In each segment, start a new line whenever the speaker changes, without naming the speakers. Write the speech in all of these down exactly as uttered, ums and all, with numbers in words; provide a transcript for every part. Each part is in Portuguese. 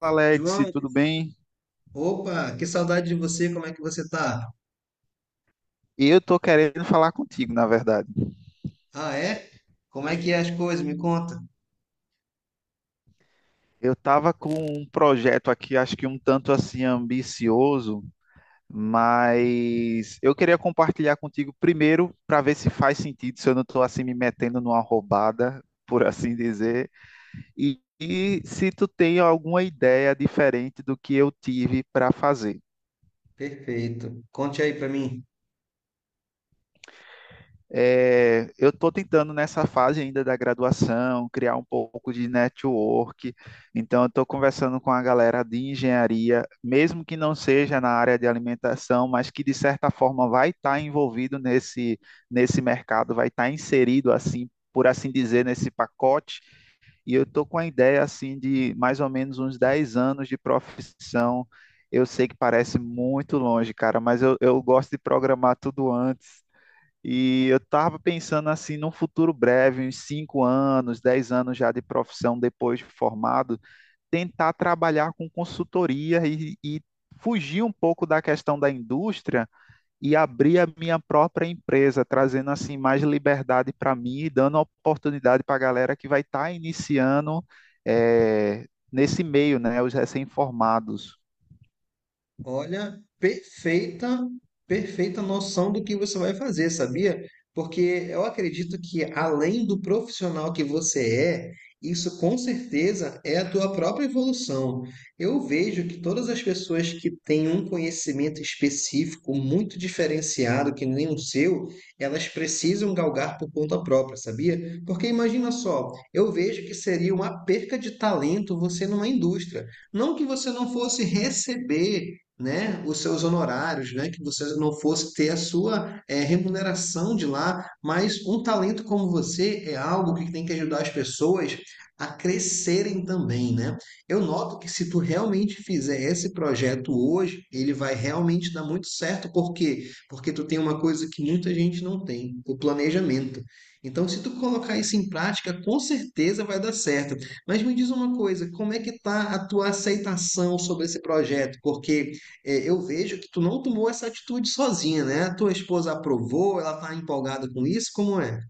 Alex,
João,
tudo bem?
opa, que saudade de você, como é que você tá?
Eu tô querendo falar contigo, na verdade.
Ah, é? Como é que é as coisas? Me conta.
Eu tava com um projeto aqui, acho que um tanto assim ambicioso, mas eu queria compartilhar contigo primeiro para ver se faz sentido, se eu não tô assim me metendo numa roubada, por assim dizer, e, e se tu tem alguma ideia diferente do que eu tive para fazer.
Perfeito. Conte aí pra mim.
É, eu estou tentando nessa fase ainda da graduação criar um pouco de network, então eu estou conversando com a galera de engenharia, mesmo que não seja na área de alimentação, mas que de certa forma vai estar envolvido nesse, nesse mercado, vai estar inserido assim, por assim dizer, nesse pacote. E eu estou com a ideia assim de mais ou menos uns dez anos de profissão. Eu sei que parece muito longe, cara, mas eu, eu gosto de programar tudo antes. E eu estava pensando assim, num futuro breve, uns cinco anos, dez anos já de profissão depois de formado, tentar trabalhar com consultoria e, e fugir um pouco da questão da indústria e abrir a minha própria empresa, trazendo assim mais liberdade para mim e dando oportunidade para a galera que vai estar iniciando eh, nesse meio, né, os recém-formados.
Olha, perfeita, perfeita noção do que você vai fazer, sabia? Porque eu acredito que além do profissional que você é, isso com certeza é a tua própria evolução. Eu vejo que todas as pessoas que têm um conhecimento específico muito diferenciado, que nem o seu, elas precisam galgar por conta própria, sabia? Porque imagina só, eu vejo que seria uma perca de talento você numa indústria. Não que você não fosse receber, né, os seus honorários, né, que você não fosse ter a sua eh, remuneração de lá, mas um talento como você é algo que tem que ajudar as pessoas a crescerem também, né? Eu noto que se tu realmente fizer esse projeto hoje, ele vai realmente dar muito certo, por quê? Porque tu tem uma coisa que muita gente não tem, o planejamento. Então, se tu colocar isso em prática, com certeza vai dar certo. Mas me diz uma coisa, como é que tá a tua aceitação sobre esse projeto? Porque é, eu vejo que tu não tomou essa atitude sozinha, né? Tua esposa aprovou, ela tá empolgada com isso, como é?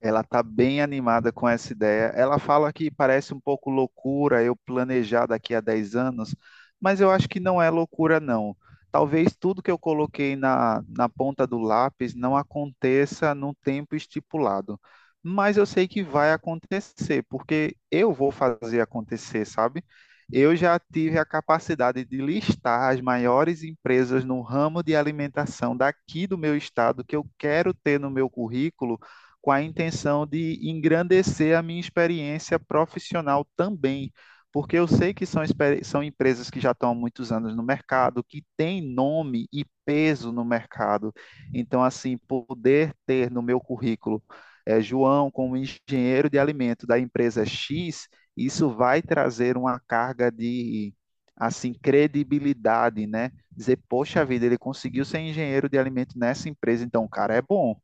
Ela está bem animada com essa ideia. Ela fala que parece um pouco loucura eu planejar daqui a dez anos, mas eu acho que não é loucura, não. Talvez tudo que eu coloquei na, na ponta do lápis não aconteça num tempo estipulado, mas eu sei que vai acontecer, porque eu vou fazer acontecer, sabe? Eu já tive a capacidade de listar as maiores empresas no ramo de alimentação daqui do meu estado que eu quero ter no meu currículo com a intenção de engrandecer a minha experiência profissional também, porque eu sei que são, são empresas que já estão há muitos anos no mercado, que têm nome e peso no mercado. Então, assim, poder ter no meu currículo eh, João como engenheiro de alimento da empresa X, isso vai trazer uma carga de assim credibilidade, né? Dizer, poxa vida, ele conseguiu ser engenheiro de alimento nessa empresa, então o cara é bom.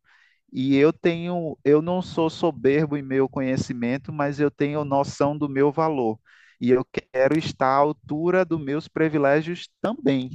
E eu tenho, eu não sou soberbo em meu conhecimento, mas eu tenho noção do meu valor. E eu quero estar à altura dos meus privilégios também.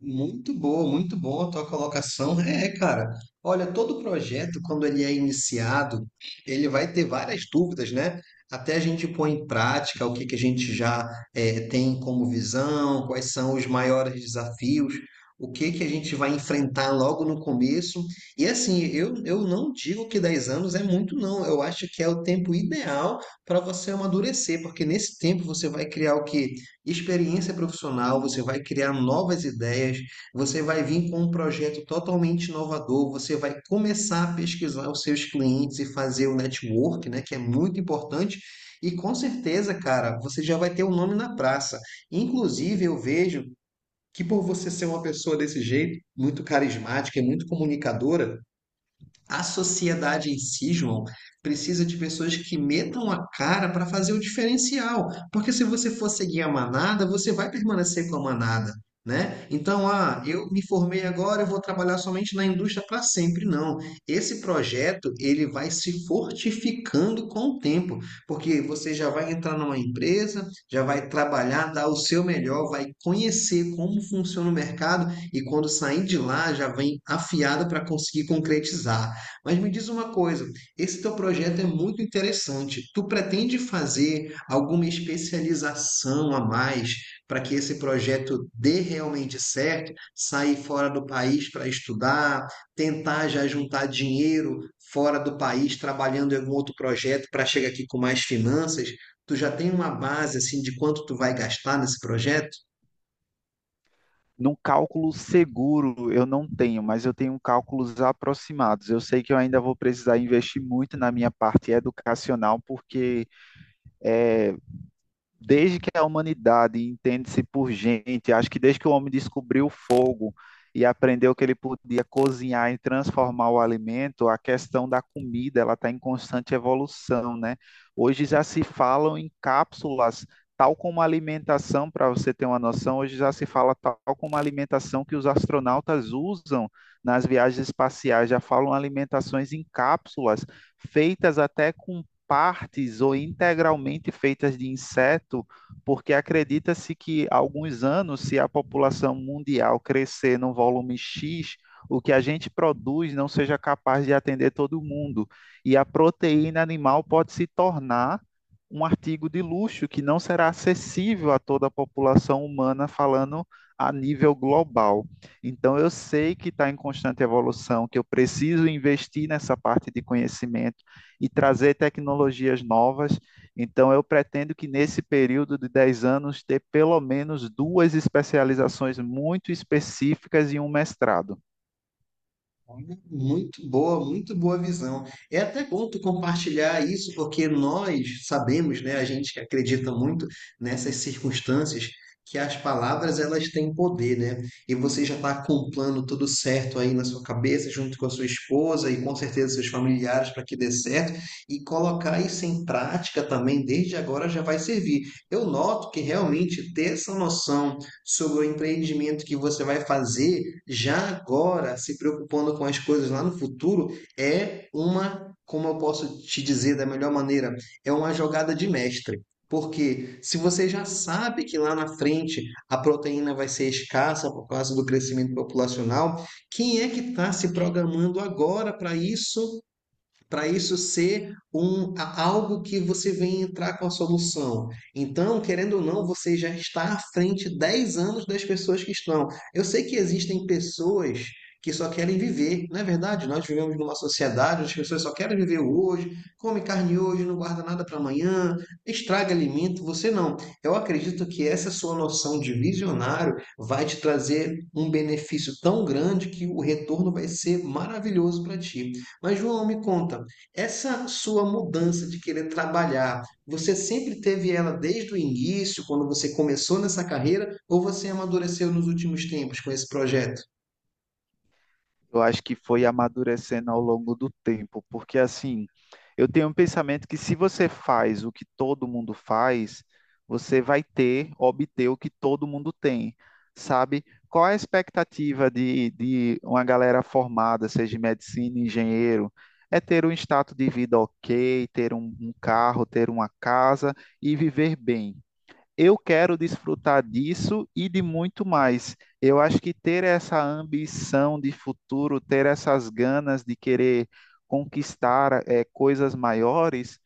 Muito boa, muito boa a tua colocação. É, cara. Olha, todo projeto, quando ele é iniciado, ele vai ter várias dúvidas, né? Até a gente pôr em prática o que que a gente já eh, tem como visão, quais são os maiores desafios, o que que a gente vai enfrentar logo no começo. E assim, eu, eu não digo que dez anos é muito, não. Eu acho que é o tempo ideal para você amadurecer, porque nesse tempo você vai criar o quê? Experiência profissional, você vai criar novas ideias, você vai vir com um projeto totalmente inovador, você vai começar a pesquisar os seus clientes e fazer o network, né, que é muito importante. E com certeza, cara, você já vai ter o um nome na praça. Inclusive, eu vejo que por você ser uma pessoa desse jeito, muito carismática e muito comunicadora, a sociedade em si, João, precisa de pessoas que metam a cara para fazer o diferencial. Porque se você for seguir a manada, você vai permanecer com a manada, né? Então, ah, eu me formei agora, eu vou trabalhar somente na indústria para sempre. Não. Esse projeto, ele vai se fortificando com o tempo. Porque você já vai entrar numa empresa, já vai trabalhar, dar o seu melhor, vai conhecer como funciona o mercado e quando sair de lá, já vem afiado para conseguir concretizar. Mas me diz uma coisa, esse teu projeto é muito interessante. Tu pretende fazer alguma especialização a mais para que esse projeto dê realmente certo? Sair fora do país para estudar, tentar já juntar dinheiro fora do país, trabalhando em algum outro projeto para chegar aqui com mais finanças? Tu já tem uma base assim de quanto tu vai gastar nesse projeto?
Num cálculo seguro eu não tenho, mas eu tenho cálculos aproximados. Eu sei que eu ainda vou precisar investir muito na minha parte educacional, porque desde que a humanidade entende-se por gente, acho que desde que o homem descobriu o fogo e aprendeu que ele podia cozinhar e transformar o alimento, a questão da comida ela está em constante evolução, né? Hoje já se falam em cápsulas, tal como a alimentação, para você ter uma noção, hoje já se fala tal como a alimentação que os astronautas usam nas viagens espaciais, já falam alimentações em cápsulas, feitas até com partes ou integralmente feitas de inseto, porque acredita-se que há alguns anos, se a população mundial crescer num volume X, o que a gente produz não seja capaz de atender todo mundo. E a proteína animal pode se tornar um artigo de luxo que não será acessível a toda a população humana, falando a nível global. Então, eu sei que está em constante evolução, que eu preciso investir nessa parte de conhecimento e trazer tecnologias novas. Então, eu pretendo que nesse período de dez anos ter pelo menos duas especializações muito específicas e um mestrado.
Olha, muito boa, muito boa visão. É até bom tu compartilhar isso, porque nós sabemos, né, a gente que acredita muito nessas circunstâncias, que as palavras elas têm poder, né? E você já está com um plano tudo certo aí na sua cabeça, junto com a sua esposa e com certeza seus familiares para que dê certo, e colocar isso em prática também desde agora já vai servir. Eu noto que realmente ter essa noção sobre o empreendimento que você vai fazer já agora, se preocupando com as coisas lá no futuro, é uma, como eu posso te dizer da melhor maneira, é uma jogada de mestre. Porque se você já sabe que lá na frente a proteína vai ser escassa por causa do crescimento populacional, quem é que está se programando agora para isso, para isso ser um, a- algo que você vem entrar com a solução. Então, querendo ou não, você já está à frente dez anos das pessoas que estão. Eu sei que existem pessoas que só querem viver, não é verdade? Nós vivemos numa sociedade onde as pessoas só querem viver o hoje, come carne hoje, não guarda nada para amanhã, estraga alimento, você não. Eu acredito que essa sua noção de visionário vai te trazer um benefício tão grande que o retorno vai ser maravilhoso para ti. Mas, João, me conta, essa sua mudança de querer trabalhar, você sempre teve ela desde o início, quando você começou nessa carreira, ou você amadureceu nos últimos tempos com esse projeto?
Eu acho que foi amadurecendo ao longo do tempo, porque assim, eu tenho um pensamento que se você faz o que todo mundo faz, você vai ter, obter o que todo mundo tem, sabe? Qual é a expectativa de, de uma galera formada, seja em medicina, engenheiro? É ter um status de vida ok, ter um um carro, ter uma casa e viver bem. Eu quero desfrutar disso e de muito mais. Eu acho que ter essa ambição de futuro, ter essas ganas de querer conquistar eh, coisas maiores,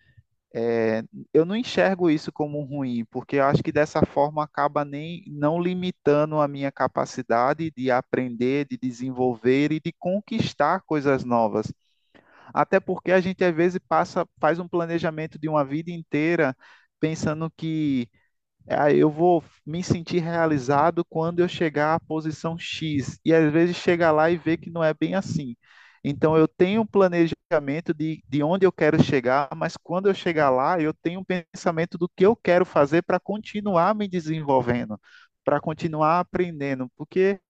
eh, eu não enxergo isso como ruim, porque eu acho que dessa forma acaba nem não limitando a minha capacidade de aprender, de desenvolver e de conquistar coisas novas. Até porque a gente às vezes passa, faz um planejamento de uma vida inteira pensando que ah, eu vou me sentir realizado quando eu chegar à posição X. E às vezes chega lá e vê que não é bem assim. Então eu tenho um planejamento de, de onde eu quero chegar, mas quando eu chegar lá, eu tenho um pensamento do que eu quero fazer para continuar me desenvolvendo, para continuar aprendendo. Porque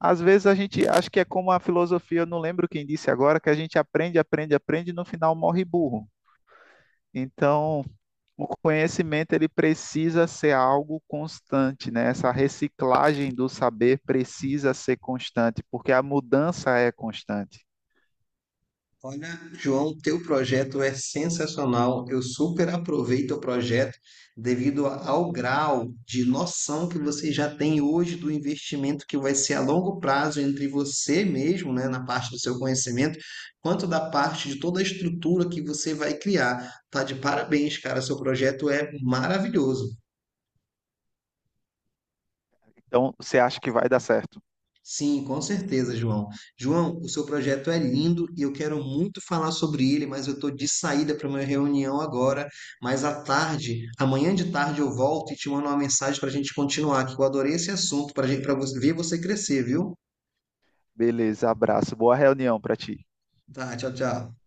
às vezes a gente, acho que é como a filosofia, eu não lembro quem disse agora, que a gente aprende, aprende, aprende e no final morre burro. Então, o conhecimento ele precisa ser algo constante, né? Essa reciclagem do saber precisa ser constante, porque a mudança é constante.
Olha, João, teu projeto é sensacional. Eu super aproveito o projeto devido a- ao grau de noção que você já tem hoje do investimento que vai ser a longo prazo entre você mesmo, né, na parte do seu conhecimento, quanto da parte de toda a estrutura que você vai criar. Tá de parabéns, cara. Seu projeto é maravilhoso.
Então, você acha que vai dar certo?
Sim, com certeza, João. João, o seu projeto é lindo e eu quero muito falar sobre ele, mas eu estou de saída para uma reunião agora. Mas à tarde, amanhã de tarde, eu volto e te mando uma mensagem para a gente continuar, que eu adorei esse assunto, para ver você crescer, viu?
Beleza, abraço. Boa reunião para ti.
Tá, tchau, tchau.